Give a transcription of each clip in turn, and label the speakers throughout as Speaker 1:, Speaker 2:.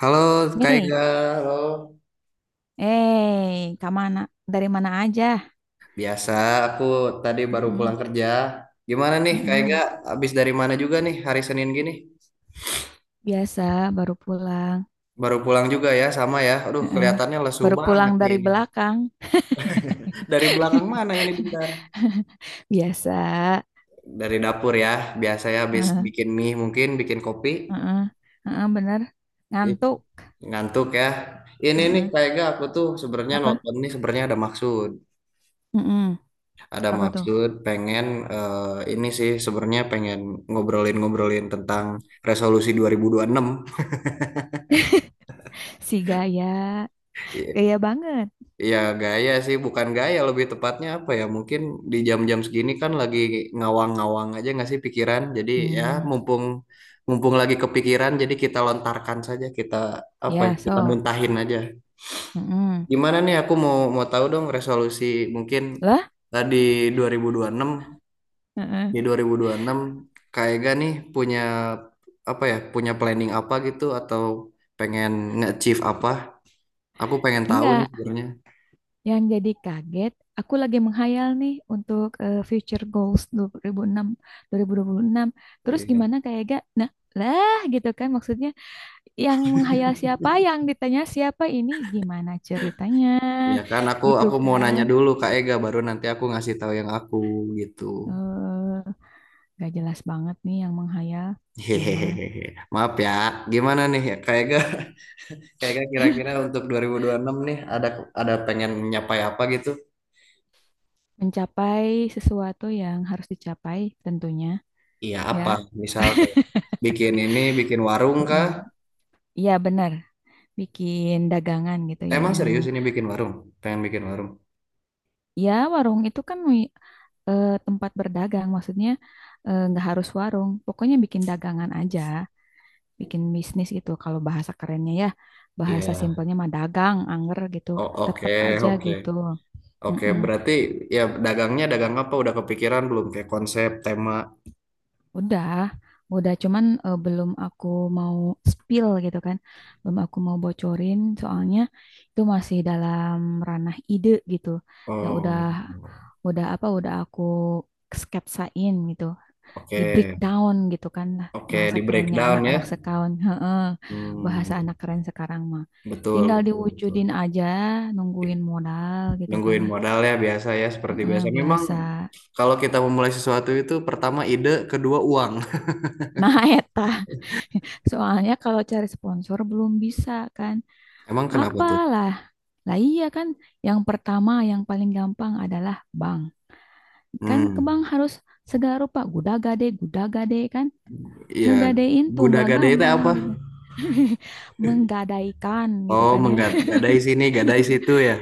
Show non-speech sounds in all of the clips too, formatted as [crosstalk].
Speaker 1: Halo Kak
Speaker 2: Nih,
Speaker 1: Ega, halo.
Speaker 2: kak mana? Dari mana aja?
Speaker 1: Biasa, aku tadi baru pulang
Speaker 2: Mm-mm,
Speaker 1: kerja. Gimana nih Kak Ega,
Speaker 2: mm-mm.
Speaker 1: habis dari mana juga nih hari Senin gini?
Speaker 2: Biasa, baru pulang.
Speaker 1: Baru pulang juga ya, sama ya. Aduh,
Speaker 2: Heeh.
Speaker 1: kelihatannya lesu
Speaker 2: Baru pulang
Speaker 1: banget nih
Speaker 2: dari
Speaker 1: ini.
Speaker 2: belakang.
Speaker 1: [laughs] Dari belakang mana ini bentar?
Speaker 2: Biasa.
Speaker 1: Dari dapur ya, biasanya habis
Speaker 2: Heeh,
Speaker 1: bikin mie mungkin, bikin kopi.
Speaker 2: heeh, heeh, bener.
Speaker 1: Ih,
Speaker 2: Ngantuk.
Speaker 1: ngantuk ya. Ini nih
Speaker 2: Heeh.
Speaker 1: Kak Ega, aku tuh sebenarnya
Speaker 2: Apa?
Speaker 1: nonton nih sebenarnya ada maksud.
Speaker 2: Mm-mm.
Speaker 1: Ada
Speaker 2: Apa tuh?
Speaker 1: maksud pengen eh, ini sih sebenarnya pengen ngobrolin-ngobrolin tentang resolusi 2026.
Speaker 2: Si gaya.
Speaker 1: I-
Speaker 2: Gaya banget.
Speaker 1: Ya gaya sih, bukan gaya lebih tepatnya apa ya? Mungkin di jam-jam segini kan lagi ngawang-ngawang aja nggak sih pikiran. Jadi ya
Speaker 2: Hmm,
Speaker 1: mumpung mumpung lagi kepikiran, jadi kita lontarkan saja, kita apa ya?
Speaker 2: ya,
Speaker 1: Kita
Speaker 2: so.
Speaker 1: muntahin aja.
Speaker 2: Mm-mm.
Speaker 1: Gimana nih aku mau mau tahu dong resolusi mungkin
Speaker 2: Lah?
Speaker 1: tadi 2026,
Speaker 2: Heeh.
Speaker 1: di 2026 Kak Ega nih punya apa ya, punya planning apa gitu atau pengen nge-achieve apa, aku pengen tahu nih
Speaker 2: Enggak.
Speaker 1: sebenarnya.
Speaker 2: Yang jadi kaget, aku lagi menghayal nih untuk future goals 2006, 2026. Terus
Speaker 1: Iya,
Speaker 2: gimana kayak gak? Nah, lah gitu kan maksudnya yang menghayal siapa, yang ditanya siapa ini gimana ceritanya
Speaker 1: ya kan aku
Speaker 2: gitu
Speaker 1: aku mau
Speaker 2: kan.
Speaker 1: nanya dulu Kak Ega baru nanti aku ngasih tahu yang aku gitu.
Speaker 2: Eh, gak jelas banget nih yang menghayal. Emang
Speaker 1: Hehehe, maaf ya. Gimana nih ya Kak Ega, [laughs] Kak Ega kira-kira untuk 2026 nih ada pengen nyapai apa gitu,
Speaker 2: mencapai sesuatu yang harus dicapai tentunya
Speaker 1: iya
Speaker 2: ya.
Speaker 1: apa misal kayak bikin ini, bikin warung
Speaker 2: Mm-mm.
Speaker 1: kah?
Speaker 2: Iya benar, bikin dagangan gitu
Speaker 1: Emang
Speaker 2: yang
Speaker 1: serius ini bikin warung, pengen bikin warung?
Speaker 2: ya, warung itu kan eh, tempat berdagang, maksudnya nggak harus warung, pokoknya bikin dagangan aja, bikin bisnis gitu. Kalau bahasa kerennya ya, bahasa
Speaker 1: Iya.
Speaker 2: simpelnya mah dagang, angger gitu,
Speaker 1: Oh, oke,
Speaker 2: tetep aja
Speaker 1: oke.
Speaker 2: gitu.
Speaker 1: Oke,
Speaker 2: Mm-mm.
Speaker 1: berarti ya dagangnya, dagang apa udah kepikiran belum kayak konsep, tema?
Speaker 2: Udah, udah cuman belum aku mau spill gitu kan, belum aku mau bocorin, soalnya itu masih dalam ranah ide gitu. Ya
Speaker 1: Oh.
Speaker 2: udah apa, udah aku sketsain gitu. Di
Speaker 1: Oke.
Speaker 2: breakdown gitu kan lah
Speaker 1: Oke,
Speaker 2: bahasa
Speaker 1: di
Speaker 2: kerennya
Speaker 1: breakdown ya.
Speaker 2: anak-anak sekarang heeh,
Speaker 1: Hmm,
Speaker 2: bahasa anak keren sekarang mah
Speaker 1: betul,
Speaker 2: tinggal
Speaker 1: betul, betul.
Speaker 2: diwujudin aja nungguin modal gitu kan
Speaker 1: Nungguin
Speaker 2: ya.
Speaker 1: modal ya biasa ya seperti
Speaker 2: Heeh,
Speaker 1: biasa. Memang
Speaker 2: biasa
Speaker 1: kalau kita memulai sesuatu itu pertama ide, kedua uang.
Speaker 2: nah eta [laughs] soalnya kalau cari sponsor belum bisa kan
Speaker 1: [laughs] Emang kenapa tuh?
Speaker 2: apalah lah iya kan yang pertama yang paling gampang adalah bank. Kan ke
Speaker 1: Hmm,
Speaker 2: bank harus segala rupa gudagade gudagade kan
Speaker 1: ya
Speaker 2: ngegadein tuh nggak
Speaker 1: guda-gada itu
Speaker 2: gampang gitu.
Speaker 1: apa?
Speaker 2: [laughs] Menggadaikan gitu
Speaker 1: Oh,
Speaker 2: kan ya.
Speaker 1: menggadai sini, gadai situ ya.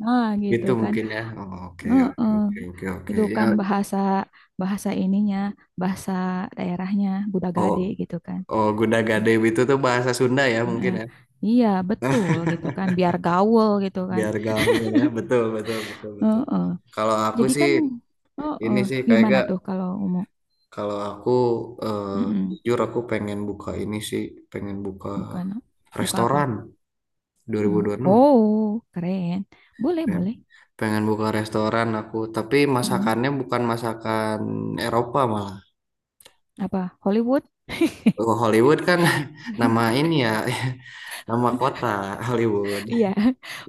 Speaker 2: Nah, gitu
Speaker 1: Gitu
Speaker 2: kan.
Speaker 1: mungkin ya. Oh, oke, oke,
Speaker 2: Heeh.
Speaker 1: oke, oke, oke.
Speaker 2: Itu
Speaker 1: Ya,
Speaker 2: kan bahasa bahasa ininya, bahasa daerahnya Budagade
Speaker 1: oh.
Speaker 2: gitu kan.
Speaker 1: Oh, Gudagade itu tuh bahasa Sunda ya mungkin
Speaker 2: Heeh.
Speaker 1: ya,
Speaker 2: Iya, betul gitu kan, biar gaul gitu kan.
Speaker 1: biar gaul ya. Betul, betul, betul, betul.
Speaker 2: Heeh.
Speaker 1: Kalau aku
Speaker 2: Jadi
Speaker 1: sih
Speaker 2: kan heeh,
Speaker 1: ini sih kayak
Speaker 2: gimana
Speaker 1: gak,
Speaker 2: tuh kalau umum?
Speaker 1: kalau aku eh,
Speaker 2: Mm-mm.
Speaker 1: jujur aku pengen buka ini sih, pengen buka
Speaker 2: Bukan buka
Speaker 1: restoran
Speaker 2: apa? Mm.
Speaker 1: 2026.
Speaker 2: Oh, keren. Boleh,
Speaker 1: Pengen,
Speaker 2: boleh.
Speaker 1: pengen buka restoran aku, tapi
Speaker 2: Mm.
Speaker 1: masakannya bukan masakan Eropa malah.
Speaker 2: Apa? Hollywood?
Speaker 1: Oh,
Speaker 2: [laughs]
Speaker 1: Hollywood kan, [laughs] nama ini ya, [laughs] nama kota Hollywood.
Speaker 2: Iya,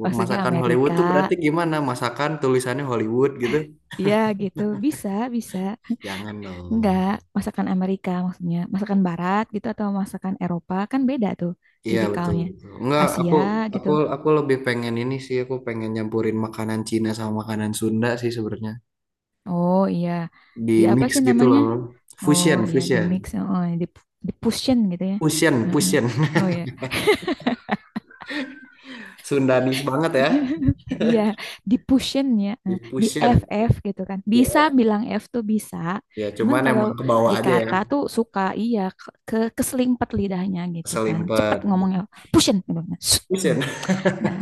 Speaker 2: maksudnya
Speaker 1: Masakan Hollywood
Speaker 2: Amerika.
Speaker 1: tuh berarti gimana? Masakan tulisannya Hollywood gitu.
Speaker 2: Iya, gitu. Bisa, bisa.
Speaker 1: Jangan dong.
Speaker 2: Enggak, masakan Amerika maksudnya. Masakan Barat gitu atau masakan Eropa kan beda tuh
Speaker 1: Iya betul
Speaker 2: tipikalnya.
Speaker 1: betul. Enggak, aku
Speaker 2: Asia
Speaker 1: aku
Speaker 2: gitu.
Speaker 1: aku lebih pengen ini sih, aku pengen nyampurin makanan Cina sama makanan Sunda sih sebenarnya.
Speaker 2: Oh iya,
Speaker 1: Di
Speaker 2: di apa
Speaker 1: mix
Speaker 2: sih
Speaker 1: gitu
Speaker 2: namanya?
Speaker 1: loh.
Speaker 2: Oh
Speaker 1: Fusion,
Speaker 2: iya, di
Speaker 1: fusion.
Speaker 2: mix, oh, di pushin gitu ya.
Speaker 1: Fusion,
Speaker 2: Heeh.
Speaker 1: fusion.
Speaker 2: Oh iya,
Speaker 1: [laughs] Sundanis banget ya.
Speaker 2: [laughs] iya di pushin ya,
Speaker 1: Di
Speaker 2: di
Speaker 1: fusion.
Speaker 2: f F gitu kan.
Speaker 1: Iya,
Speaker 2: Bisa bilang F tuh bisa,
Speaker 1: ya
Speaker 2: cuman
Speaker 1: cuman emang
Speaker 2: kalau
Speaker 1: ke bawah aja ya.
Speaker 2: dikata tuh suka iya keselimpet lidahnya gitu kan. Cepet
Speaker 1: Selimpet.
Speaker 2: ngomongnya pushin gitu. Nah, [laughs]
Speaker 1: Fusion.
Speaker 2: nah,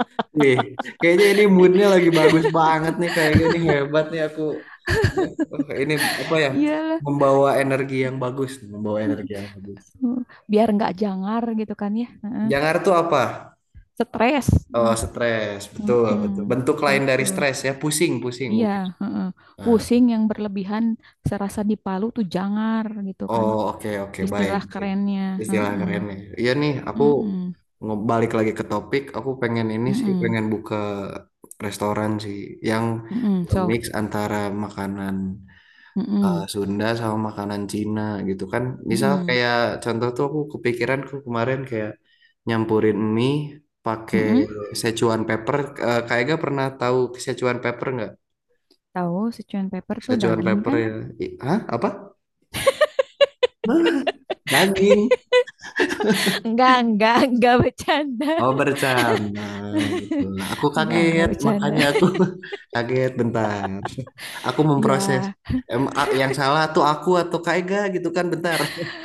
Speaker 1: [laughs] Wih, kayaknya ini moodnya lagi bagus banget nih kayak gini, hebat nih aku. Wah, ini apa
Speaker 2: [laughs]
Speaker 1: ya?
Speaker 2: iya
Speaker 1: Membawa energi yang bagus, membawa energi
Speaker 2: lah.
Speaker 1: yang bagus.
Speaker 2: Hmm, biar nggak jangar gitu kan ya. Heeh.
Speaker 1: Jangar tuh apa?
Speaker 2: Stres
Speaker 1: Oh,
Speaker 2: nah
Speaker 1: stres. Betul,
Speaker 2: mm-mm,
Speaker 1: betul. Bentuk lain
Speaker 2: gitu
Speaker 1: dari stres ya, pusing, pusing
Speaker 2: iya
Speaker 1: mungkin.
Speaker 2: heeh.
Speaker 1: Nah,
Speaker 2: Pusing yang berlebihan serasa dipalu tuh jangar gitu kan
Speaker 1: oh, oke, oke, baik,
Speaker 2: istilah
Speaker 1: baik.
Speaker 2: kerennya.
Speaker 1: Istilah
Speaker 2: Heeh.
Speaker 1: keren nih. Iya nih, aku
Speaker 2: Mm-mm,
Speaker 1: balik lagi ke topik. Aku pengen ini sih,
Speaker 2: mm-mm,
Speaker 1: pengen buka restoran sih yang
Speaker 2: mm-mm, Sok.
Speaker 1: mix antara makanan
Speaker 2: Mm-mm,
Speaker 1: Sunda sama makanan Cina gitu kan. Misal
Speaker 2: mm-mm,
Speaker 1: kayak contoh tuh aku kepikiran aku kemarin kayak nyampurin mie pakai
Speaker 2: mm-mm.
Speaker 1: Szechuan pepper. Eh, kayak gak pernah tahu Szechuan pepper nggak?
Speaker 2: Tahu Sichuan pepper tuh
Speaker 1: Szechuan
Speaker 2: daging
Speaker 1: pepper
Speaker 2: kan
Speaker 1: ya. Hah? Apa? Hah? Daging.
Speaker 2: enggak enggak bercanda
Speaker 1: Oh bercanda gitu. Nah, aku
Speaker 2: enggak
Speaker 1: kaget
Speaker 2: bercanda
Speaker 1: makanya aku [laughs] kaget bentar. Aku memproses.
Speaker 2: iya
Speaker 1: Yang salah tuh aku atau Kak Ega gitu kan bentar. [laughs]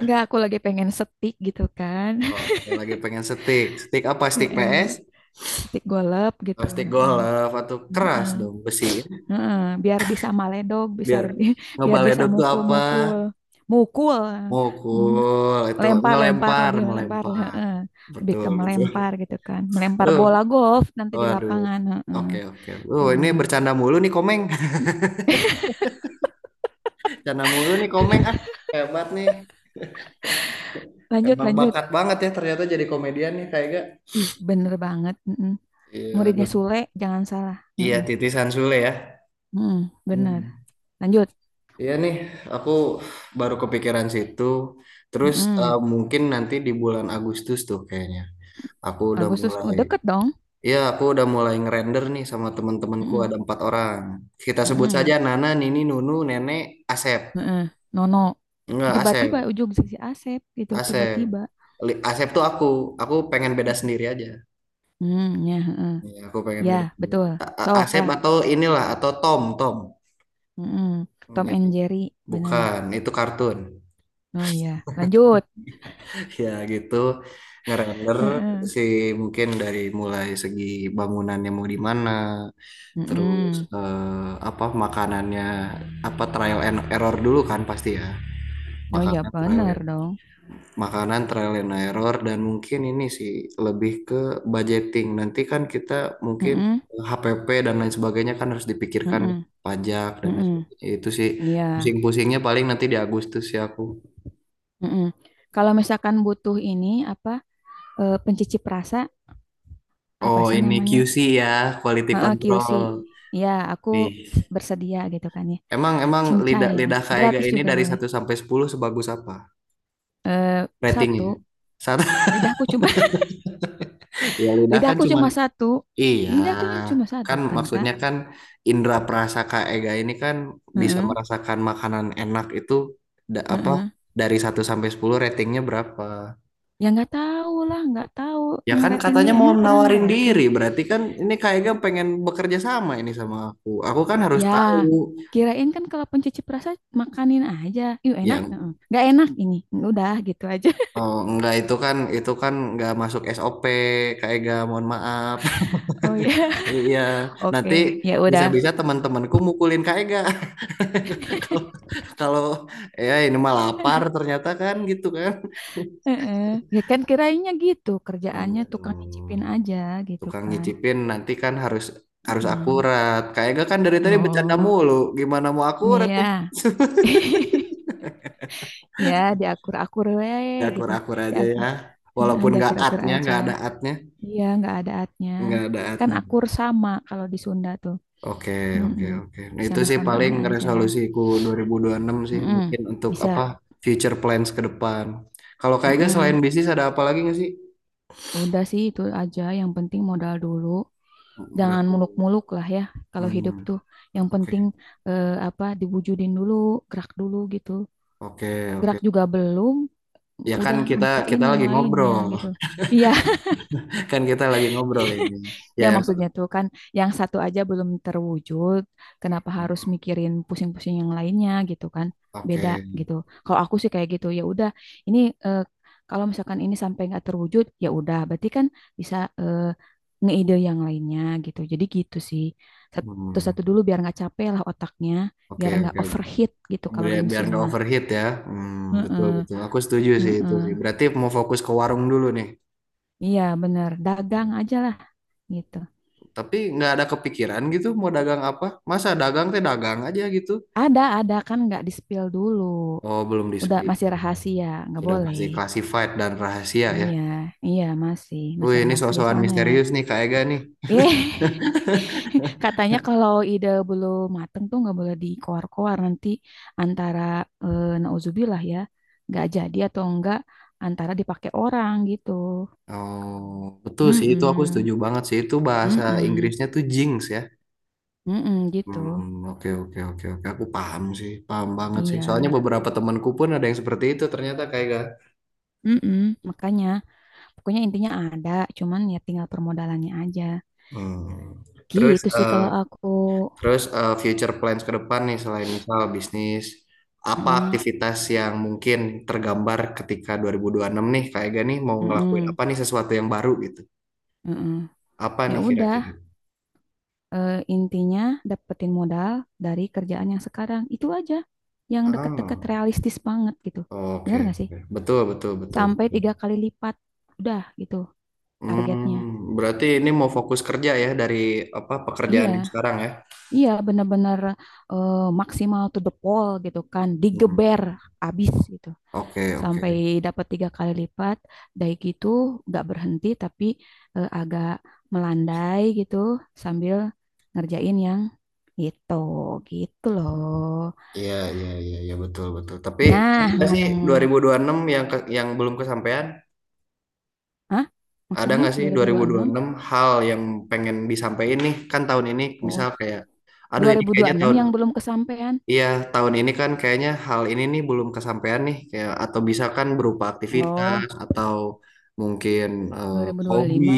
Speaker 2: enggak aku lagi pengen setik gitu kan.
Speaker 1: Oh, yang lagi pengen steak. Steak apa? Steak PS?
Speaker 2: [laughs] Setik golep gitu.
Speaker 1: Plastik golf atau keras
Speaker 2: Heeh,
Speaker 1: dong besi ya.
Speaker 2: heeh. Biar bisa maledog, bisa
Speaker 1: Biar
Speaker 2: lebih- [laughs] biar bisa
Speaker 1: ngebaledot tuh apa?
Speaker 2: mukul-mukul, mukul, mm,
Speaker 1: Mukul itu
Speaker 2: lempar-lempar
Speaker 1: ngelempar,
Speaker 2: lebih lempar,
Speaker 1: melempar.
Speaker 2: heeh. Lebih ke
Speaker 1: Betul, betul.
Speaker 2: melempar gitu kan, melempar
Speaker 1: Aduh,
Speaker 2: bola golf nanti di
Speaker 1: waduh.
Speaker 2: lapangan, heeh.
Speaker 1: Oke, oke. Ini
Speaker 2: Benar.
Speaker 1: bercanda mulu nih Komeng.
Speaker 2: Ih,
Speaker 1: [laughs] Bercanda mulu nih Komeng. Ah, hebat nih.
Speaker 2: lanjut,
Speaker 1: Emang
Speaker 2: lanjut.
Speaker 1: bakat banget ya ternyata jadi komedian nih kayak gak?
Speaker 2: Ih, bener banget. Heeh.
Speaker 1: Iya,
Speaker 2: Muridnya
Speaker 1: aduh.
Speaker 2: Sule, jangan salah.
Speaker 1: Iya,
Speaker 2: Heeh,
Speaker 1: titisan Sule ya.
Speaker 2: heeh, bener.
Speaker 1: Hmm.
Speaker 2: Lanjut.
Speaker 1: Iya nih, aku baru kepikiran situ. Terus
Speaker 2: Heeh.
Speaker 1: mungkin nanti di bulan Agustus tuh kayaknya. Aku udah
Speaker 2: Agustus, oh,
Speaker 1: mulai.
Speaker 2: deket dong.
Speaker 1: Iya, aku udah mulai ngerender nih sama teman-temanku
Speaker 2: Heeh,
Speaker 1: ada 4 orang. Kita sebut saja
Speaker 2: heeh,
Speaker 1: Nana, Nini, Nunu, Nenek, Asep.
Speaker 2: heeh. Nono,
Speaker 1: Enggak,
Speaker 2: tiba-tiba
Speaker 1: Asep.
Speaker 2: ujung si Asep gitu,
Speaker 1: Asep.
Speaker 2: tiba-tiba.
Speaker 1: Asep tuh aku. Aku pengen beda sendiri aja.
Speaker 2: Hmm, ya, heeh.
Speaker 1: Iya, aku pengen
Speaker 2: Ya,
Speaker 1: beda sendiri.
Speaker 2: betul. Sok
Speaker 1: Asep
Speaker 2: lah.
Speaker 1: atau inilah, atau Tom, Tom.
Speaker 2: Mm-mm. Tom
Speaker 1: Iya,
Speaker 2: and Jerry, benar.
Speaker 1: bukan, itu kartun.
Speaker 2: Oh iya, lanjut.
Speaker 1: [laughs] Ya gitu, ngerender
Speaker 2: Heeh.
Speaker 1: sih mungkin dari mulai segi bangunannya mau di mana, terus
Speaker 2: Mm-mm.
Speaker 1: apa makanannya apa trial and error dulu kan pasti ya.
Speaker 2: Oh iya,
Speaker 1: Makanan trial
Speaker 2: benar dong.
Speaker 1: Makanan trial and error dan mungkin ini sih lebih ke budgeting. Nanti kan kita mungkin
Speaker 2: Mm-mm.
Speaker 1: HPP dan lain sebagainya kan harus dipikirkan,
Speaker 2: Mm-mm.
Speaker 1: pajak dan lain
Speaker 2: Mm-mm.
Speaker 1: sebagainya. Itu sih
Speaker 2: Iya.
Speaker 1: pusing-pusingnya paling nanti di Agustus ya aku.
Speaker 2: Mm-mm. Kalau misalkan butuh ini apa pencicip rasa apa
Speaker 1: Oh,
Speaker 2: sih
Speaker 1: ini
Speaker 2: namanya?
Speaker 1: QC ya, quality
Speaker 2: Heeh, QC.
Speaker 1: control.
Speaker 2: Ya, aku
Speaker 1: Ih.
Speaker 2: bersedia gitu kan ya.
Speaker 1: Emang emang lidah
Speaker 2: Cincai lah.
Speaker 1: lidah Kak Ega
Speaker 2: Gratis
Speaker 1: ini
Speaker 2: juga
Speaker 1: dari
Speaker 2: boleh.
Speaker 1: satu sampai 10 sebagus apa
Speaker 2: Eh,
Speaker 1: ratingnya?
Speaker 2: satu.
Speaker 1: Satu.
Speaker 2: Lidahku cuma
Speaker 1: [laughs] Ya
Speaker 2: [laughs]
Speaker 1: lidah kan
Speaker 2: lidahku
Speaker 1: cuman
Speaker 2: cuma satu.
Speaker 1: iya
Speaker 2: Lidahku cuma
Speaker 1: kan
Speaker 2: satu kan, Kak?
Speaker 1: maksudnya kan indra prasaka ega ini kan bisa
Speaker 2: Heeh,
Speaker 1: merasakan makanan enak itu apa
Speaker 2: heeh.
Speaker 1: dari satu sampai 10 ratingnya berapa?
Speaker 2: Ya nggak tahu lah, nggak tahu
Speaker 1: Ya kan
Speaker 2: ngeratingnya.
Speaker 1: katanya mau
Speaker 2: Emang pernah
Speaker 1: menawarin
Speaker 2: ngerating?
Speaker 1: diri, berarti kan ini Kak Ega pengen bekerja sama ini sama aku. Aku kan harus
Speaker 2: Ya,
Speaker 1: tahu.
Speaker 2: kirain kan kalau pencuci perasa makanin aja. Yuk enak,
Speaker 1: Ya
Speaker 2: heeh. Nggak enak ini. Udah gitu aja. [laughs]
Speaker 1: oh, enggak itu kan itu kan enggak masuk SOP Kak Ega, mohon maaf. [laughs]
Speaker 2: Oh ya,
Speaker 1: Iya, nanti
Speaker 2: oke, ya udah.
Speaker 1: bisa-bisa teman-temanku mukulin Kak Ega. [laughs] Kalau ya ini mah lapar ternyata kan gitu kan.
Speaker 2: Heeh. Ya kan kirainnya gitu
Speaker 1: Hmm,
Speaker 2: kerjaannya tukang
Speaker 1: aduh.
Speaker 2: nyicipin aja gitu
Speaker 1: Tukang
Speaker 2: kan.
Speaker 1: nyicipin nanti kan harus harus
Speaker 2: Mm.
Speaker 1: akurat. Kayak gak kan dari tadi bercanda
Speaker 2: Oh,
Speaker 1: mulu. Gimana mau akurat nih?
Speaker 2: iya. [laughs] Ya diakur-akur we
Speaker 1: Ya
Speaker 2: gitu.
Speaker 1: akur-akur aja
Speaker 2: Diak-
Speaker 1: ya.
Speaker 2: heeh,
Speaker 1: Walaupun gak
Speaker 2: diakur-akur
Speaker 1: atnya,
Speaker 2: aja.
Speaker 1: nggak ada atnya,
Speaker 2: Iya, nggak ada atnya.
Speaker 1: nggak ada
Speaker 2: Kan
Speaker 1: atnya.
Speaker 2: akur sama kalau di Sunda tuh.
Speaker 1: Oke, oke,
Speaker 2: Mm-mm.
Speaker 1: oke. Nah, itu sih
Speaker 2: Sama-samain
Speaker 1: paling
Speaker 2: aja.
Speaker 1: resolusiku 2026 sih
Speaker 2: Mm-mm.
Speaker 1: mungkin untuk apa
Speaker 2: Bisa.
Speaker 1: future plans ke depan. Kalau Kak Ega selain
Speaker 2: Mm-mm.
Speaker 1: bisnis ada apa lagi nggak sih?
Speaker 2: Udah sih itu aja. Yang penting modal dulu.
Speaker 1: Modal.
Speaker 2: Jangan muluk-muluk lah ya kalau hidup
Speaker 1: Hmm,
Speaker 2: tuh. Yang penting
Speaker 1: oke,
Speaker 2: apa diwujudin dulu, gerak dulu gitu.
Speaker 1: oke, oke.
Speaker 2: Gerak juga belum,
Speaker 1: Ya kan
Speaker 2: udah
Speaker 1: kita
Speaker 2: nyiptain
Speaker 1: kita
Speaker 2: yang
Speaker 1: lagi
Speaker 2: lainnya
Speaker 1: ngobrol.
Speaker 2: gitu. Iya.
Speaker 1: [laughs] Kan kita lagi ngobrol ini. Ya
Speaker 2: Ya
Speaker 1: yang
Speaker 2: maksudnya tuh kan yang satu aja belum terwujud, kenapa harus mikirin pusing-pusing yang lainnya gitu kan? Beda
Speaker 1: oke.
Speaker 2: gitu. Kalau aku sih kayak gitu, ya udah ini eh, kalau misalkan ini sampai nggak terwujud, ya udah berarti kan bisa ngeide yang lainnya gitu. Jadi gitu sih.
Speaker 1: Hmm.
Speaker 2: Satu-satu dulu biar nggak capek lah otaknya, biar
Speaker 1: Oke,
Speaker 2: nggak
Speaker 1: oke.
Speaker 2: overheat gitu kalau
Speaker 1: Biar
Speaker 2: di
Speaker 1: biar
Speaker 2: mesin
Speaker 1: nggak
Speaker 2: mah.
Speaker 1: overheat ya. Hmm, betul
Speaker 2: Heeh,
Speaker 1: betul. Aku setuju sih itu
Speaker 2: heeh.
Speaker 1: sih. Berarti mau fokus ke warung dulu nih.
Speaker 2: Iya bener, dagang aja lah gitu.
Speaker 1: Tapi nggak ada kepikiran gitu mau dagang apa? Masa dagang teh dagang aja gitu.
Speaker 2: Ada kan nggak di spill dulu.
Speaker 1: Oh, belum di
Speaker 2: Udah
Speaker 1: speed.
Speaker 2: masih rahasia, nggak
Speaker 1: Sudah
Speaker 2: boleh.
Speaker 1: pasti classified dan rahasia ya.
Speaker 2: Iya, iya masih
Speaker 1: Wih,
Speaker 2: masih
Speaker 1: ini
Speaker 2: rahasia
Speaker 1: sok-sokan
Speaker 2: soalnya.
Speaker 1: misterius nih Kak Ega nih.
Speaker 2: Eh,
Speaker 1: [laughs]
Speaker 2: [laughs] katanya kalau ide belum mateng tuh nggak boleh dikoar-koar nanti antara nauzubillah ya, nggak jadi atau enggak antara dipakai orang gitu.
Speaker 1: Oh, betul sih itu aku
Speaker 2: Mm-mm,
Speaker 1: setuju banget sih. Itu bahasa
Speaker 2: mm-mm,
Speaker 1: Inggrisnya tuh jinx ya.
Speaker 2: mm-mm gitu.
Speaker 1: Hmm, oke oke oke oke aku paham sih paham banget sih
Speaker 2: Iya,
Speaker 1: soalnya beberapa temanku pun ada yang seperti itu ternyata kayak gak.
Speaker 2: mm-mm, makanya pokoknya intinya ada, cuman ya tinggal permodalannya aja.
Speaker 1: Hmm. Terus
Speaker 2: Gitu sih kalau
Speaker 1: eh,
Speaker 2: aku.
Speaker 1: terus future plans ke depan nih selain misal bisnis apa
Speaker 2: Mm-mm,
Speaker 1: aktivitas yang mungkin tergambar ketika 2026 nih kayak gak nih mau ngelakuin
Speaker 2: mm-mm,
Speaker 1: apa nih sesuatu yang baru gitu,
Speaker 2: mm-mm.
Speaker 1: apa
Speaker 2: Ya
Speaker 1: nih
Speaker 2: udah,
Speaker 1: kira-kira?
Speaker 2: intinya dapetin modal dari kerjaan yang sekarang. Itu aja. Yang deket-deket
Speaker 1: Ah,
Speaker 2: realistis banget gitu.
Speaker 1: oke
Speaker 2: Bener gak sih?
Speaker 1: oke. Betul betul betul
Speaker 2: Sampai
Speaker 1: betul.
Speaker 2: tiga kali lipat. Udah gitu targetnya.
Speaker 1: Hmm, berarti ini mau fokus kerja ya dari apa pekerjaan yang
Speaker 2: Iya,
Speaker 1: sekarang ya.
Speaker 2: iya bener-bener maksimal to the pole gitu kan.
Speaker 1: Hmm.
Speaker 2: Digeber abis gitu.
Speaker 1: Oke,
Speaker 2: Sampai
Speaker 1: oke.
Speaker 2: dapat tiga kali lipat. Dari gitu gak berhenti tapi agak melandai gitu sambil ngerjain yang itu gitu loh.
Speaker 1: Iya, iya, iya, iya betul, betul. Tapi ada
Speaker 2: Nah,
Speaker 1: nggak sih
Speaker 2: ngomong,
Speaker 1: 2026 yang yang belum kesampaian?
Speaker 2: ah,
Speaker 1: Ada
Speaker 2: maksudnya
Speaker 1: nggak sih
Speaker 2: 2026?
Speaker 1: 2026 hal yang pengen disampaikan nih? Kan tahun ini
Speaker 2: Oh,
Speaker 1: misal kayak, aduh ini kayaknya
Speaker 2: 2026
Speaker 1: tahun,
Speaker 2: yang belum kesampaian.
Speaker 1: iya tahun ini kan kayaknya hal ini nih belum kesampaian nih. Kayak atau bisa kan berupa
Speaker 2: Oh,
Speaker 1: aktivitas atau mungkin eh, hobi
Speaker 2: 2025.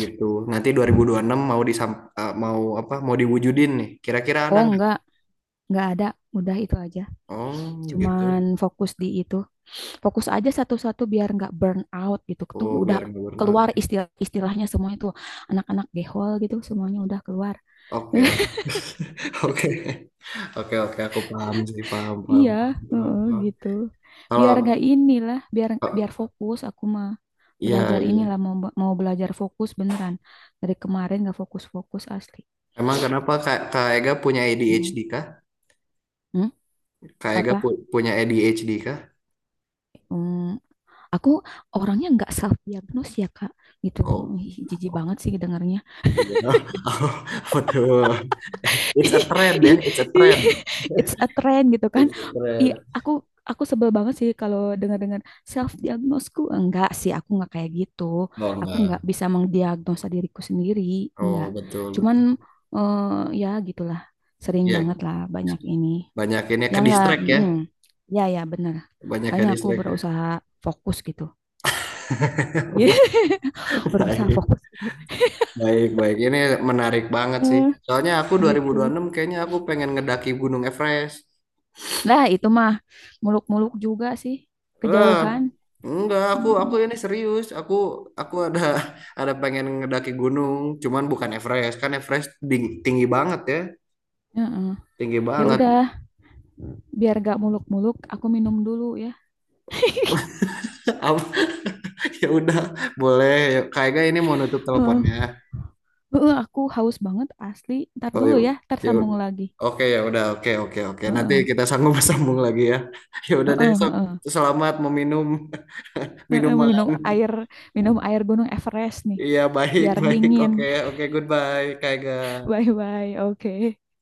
Speaker 1: gitu. Nanti 2026 mau mau apa? Mau diwujudin nih. Kira-kira ada
Speaker 2: Oh,
Speaker 1: nggak?
Speaker 2: enggak ada. Udah itu aja.
Speaker 1: Oh
Speaker 2: Cuman
Speaker 1: gitu.
Speaker 2: fokus di itu. Fokus aja satu-satu biar enggak burn out gitu. Itu
Speaker 1: Oh
Speaker 2: udah
Speaker 1: biar nggak burnout.
Speaker 2: keluar istilah istilahnya semua itu. Anak-anak gehol gitu semuanya udah keluar.
Speaker 1: Oke. Oke, oke, oke, aku paham sih, paham, paham,
Speaker 2: Iya,
Speaker 1: paham, paham,
Speaker 2: heeh,
Speaker 1: paham.
Speaker 2: gitu.
Speaker 1: Kalau,
Speaker 2: Biar gak inilah, biar biar fokus aku mah
Speaker 1: ya,
Speaker 2: belajar
Speaker 1: iya,
Speaker 2: inilah
Speaker 1: iya.
Speaker 2: mau belajar fokus beneran. Dari kemarin gak fokus-fokus asli.
Speaker 1: Emang kenapa Kak, Kak Ega punya
Speaker 2: Mm.
Speaker 1: ADHD kah?
Speaker 2: Hmm?
Speaker 1: Kak Ega
Speaker 2: Apa?
Speaker 1: punya ADHD kah?
Speaker 2: Hmm, aku orangnya nggak self diagnose ya Kak, gitu.
Speaker 1: Oh,
Speaker 2: Ih, jijik
Speaker 1: oh,
Speaker 2: banget sih dengarnya.
Speaker 1: iya, [laughs] betul. It's a trend ya, it's a
Speaker 2: [laughs]
Speaker 1: trend.
Speaker 2: It's a trend gitu kan.
Speaker 1: It's a
Speaker 2: I
Speaker 1: trend.
Speaker 2: aku aku sebel banget sih kalau dengar-dengar self diagnosku. Enggak sih, aku nggak kayak gitu.
Speaker 1: Oh
Speaker 2: Aku nggak
Speaker 1: enggak.
Speaker 2: bisa mengdiagnosa diriku sendiri,
Speaker 1: Oh
Speaker 2: enggak.
Speaker 1: betul
Speaker 2: Cuman
Speaker 1: betul.
Speaker 2: eh, ya gitulah. Sering
Speaker 1: Iya,
Speaker 2: banget lah banyak ini.
Speaker 1: banyak ini
Speaker 2: Ya
Speaker 1: ke
Speaker 2: enggak,
Speaker 1: distract ya,
Speaker 2: mm, ya ya benar.
Speaker 1: banyak ke
Speaker 2: Makanya aku
Speaker 1: distract ya.
Speaker 2: berusaha fokus gitu. [laughs]
Speaker 1: [laughs]
Speaker 2: Berusaha
Speaker 1: Baik.
Speaker 2: fokus gitu.
Speaker 1: Baik, baik. Ini menarik banget sih.
Speaker 2: Hmm,
Speaker 1: Soalnya aku dua ribu dua ribu
Speaker 2: gitu.
Speaker 1: enam kayaknya aku pengen ngedaki Gunung Everest.
Speaker 2: Lah itu mah muluk-muluk juga sih
Speaker 1: Wah,
Speaker 2: kejauhan.
Speaker 1: enggak, aku
Speaker 2: Mm.
Speaker 1: aku ini serius. Aku ada [laughs] ada pengen ngedaki gunung, cuman bukan Everest. Kan Everest tinggi banget ya.
Speaker 2: Heeh.
Speaker 1: Tinggi
Speaker 2: Ya
Speaker 1: banget.
Speaker 2: udah, biar gak muluk-muluk, aku minum dulu ya. [laughs]
Speaker 1: [laughs] Apa- Ya udah, boleh. Ya, kayaknya ini mau nutup
Speaker 2: Heeh.
Speaker 1: teleponnya.
Speaker 2: Heeh, aku haus banget asli. Ntar
Speaker 1: Oh,
Speaker 2: dulu
Speaker 1: yuk.
Speaker 2: ya, ntar
Speaker 1: Ya.
Speaker 2: sambung lagi.
Speaker 1: Oke, ya udah. Oke, oke, oke. Nanti
Speaker 2: Heeh.
Speaker 1: kita sanggup [laughs] sambung lagi ya. [laughs] Ya udah deh,
Speaker 2: Heeh,
Speaker 1: sok.
Speaker 2: heeh.
Speaker 1: Selamat meminum [laughs]
Speaker 2: Heeh,
Speaker 1: minuman.
Speaker 2: minum air Gunung Everest nih,
Speaker 1: Iya, baik,
Speaker 2: biar
Speaker 1: baik.
Speaker 2: dingin.
Speaker 1: Oke, oke, goodbye, Kak Ega.
Speaker 2: [laughs] Bye bye. Oke.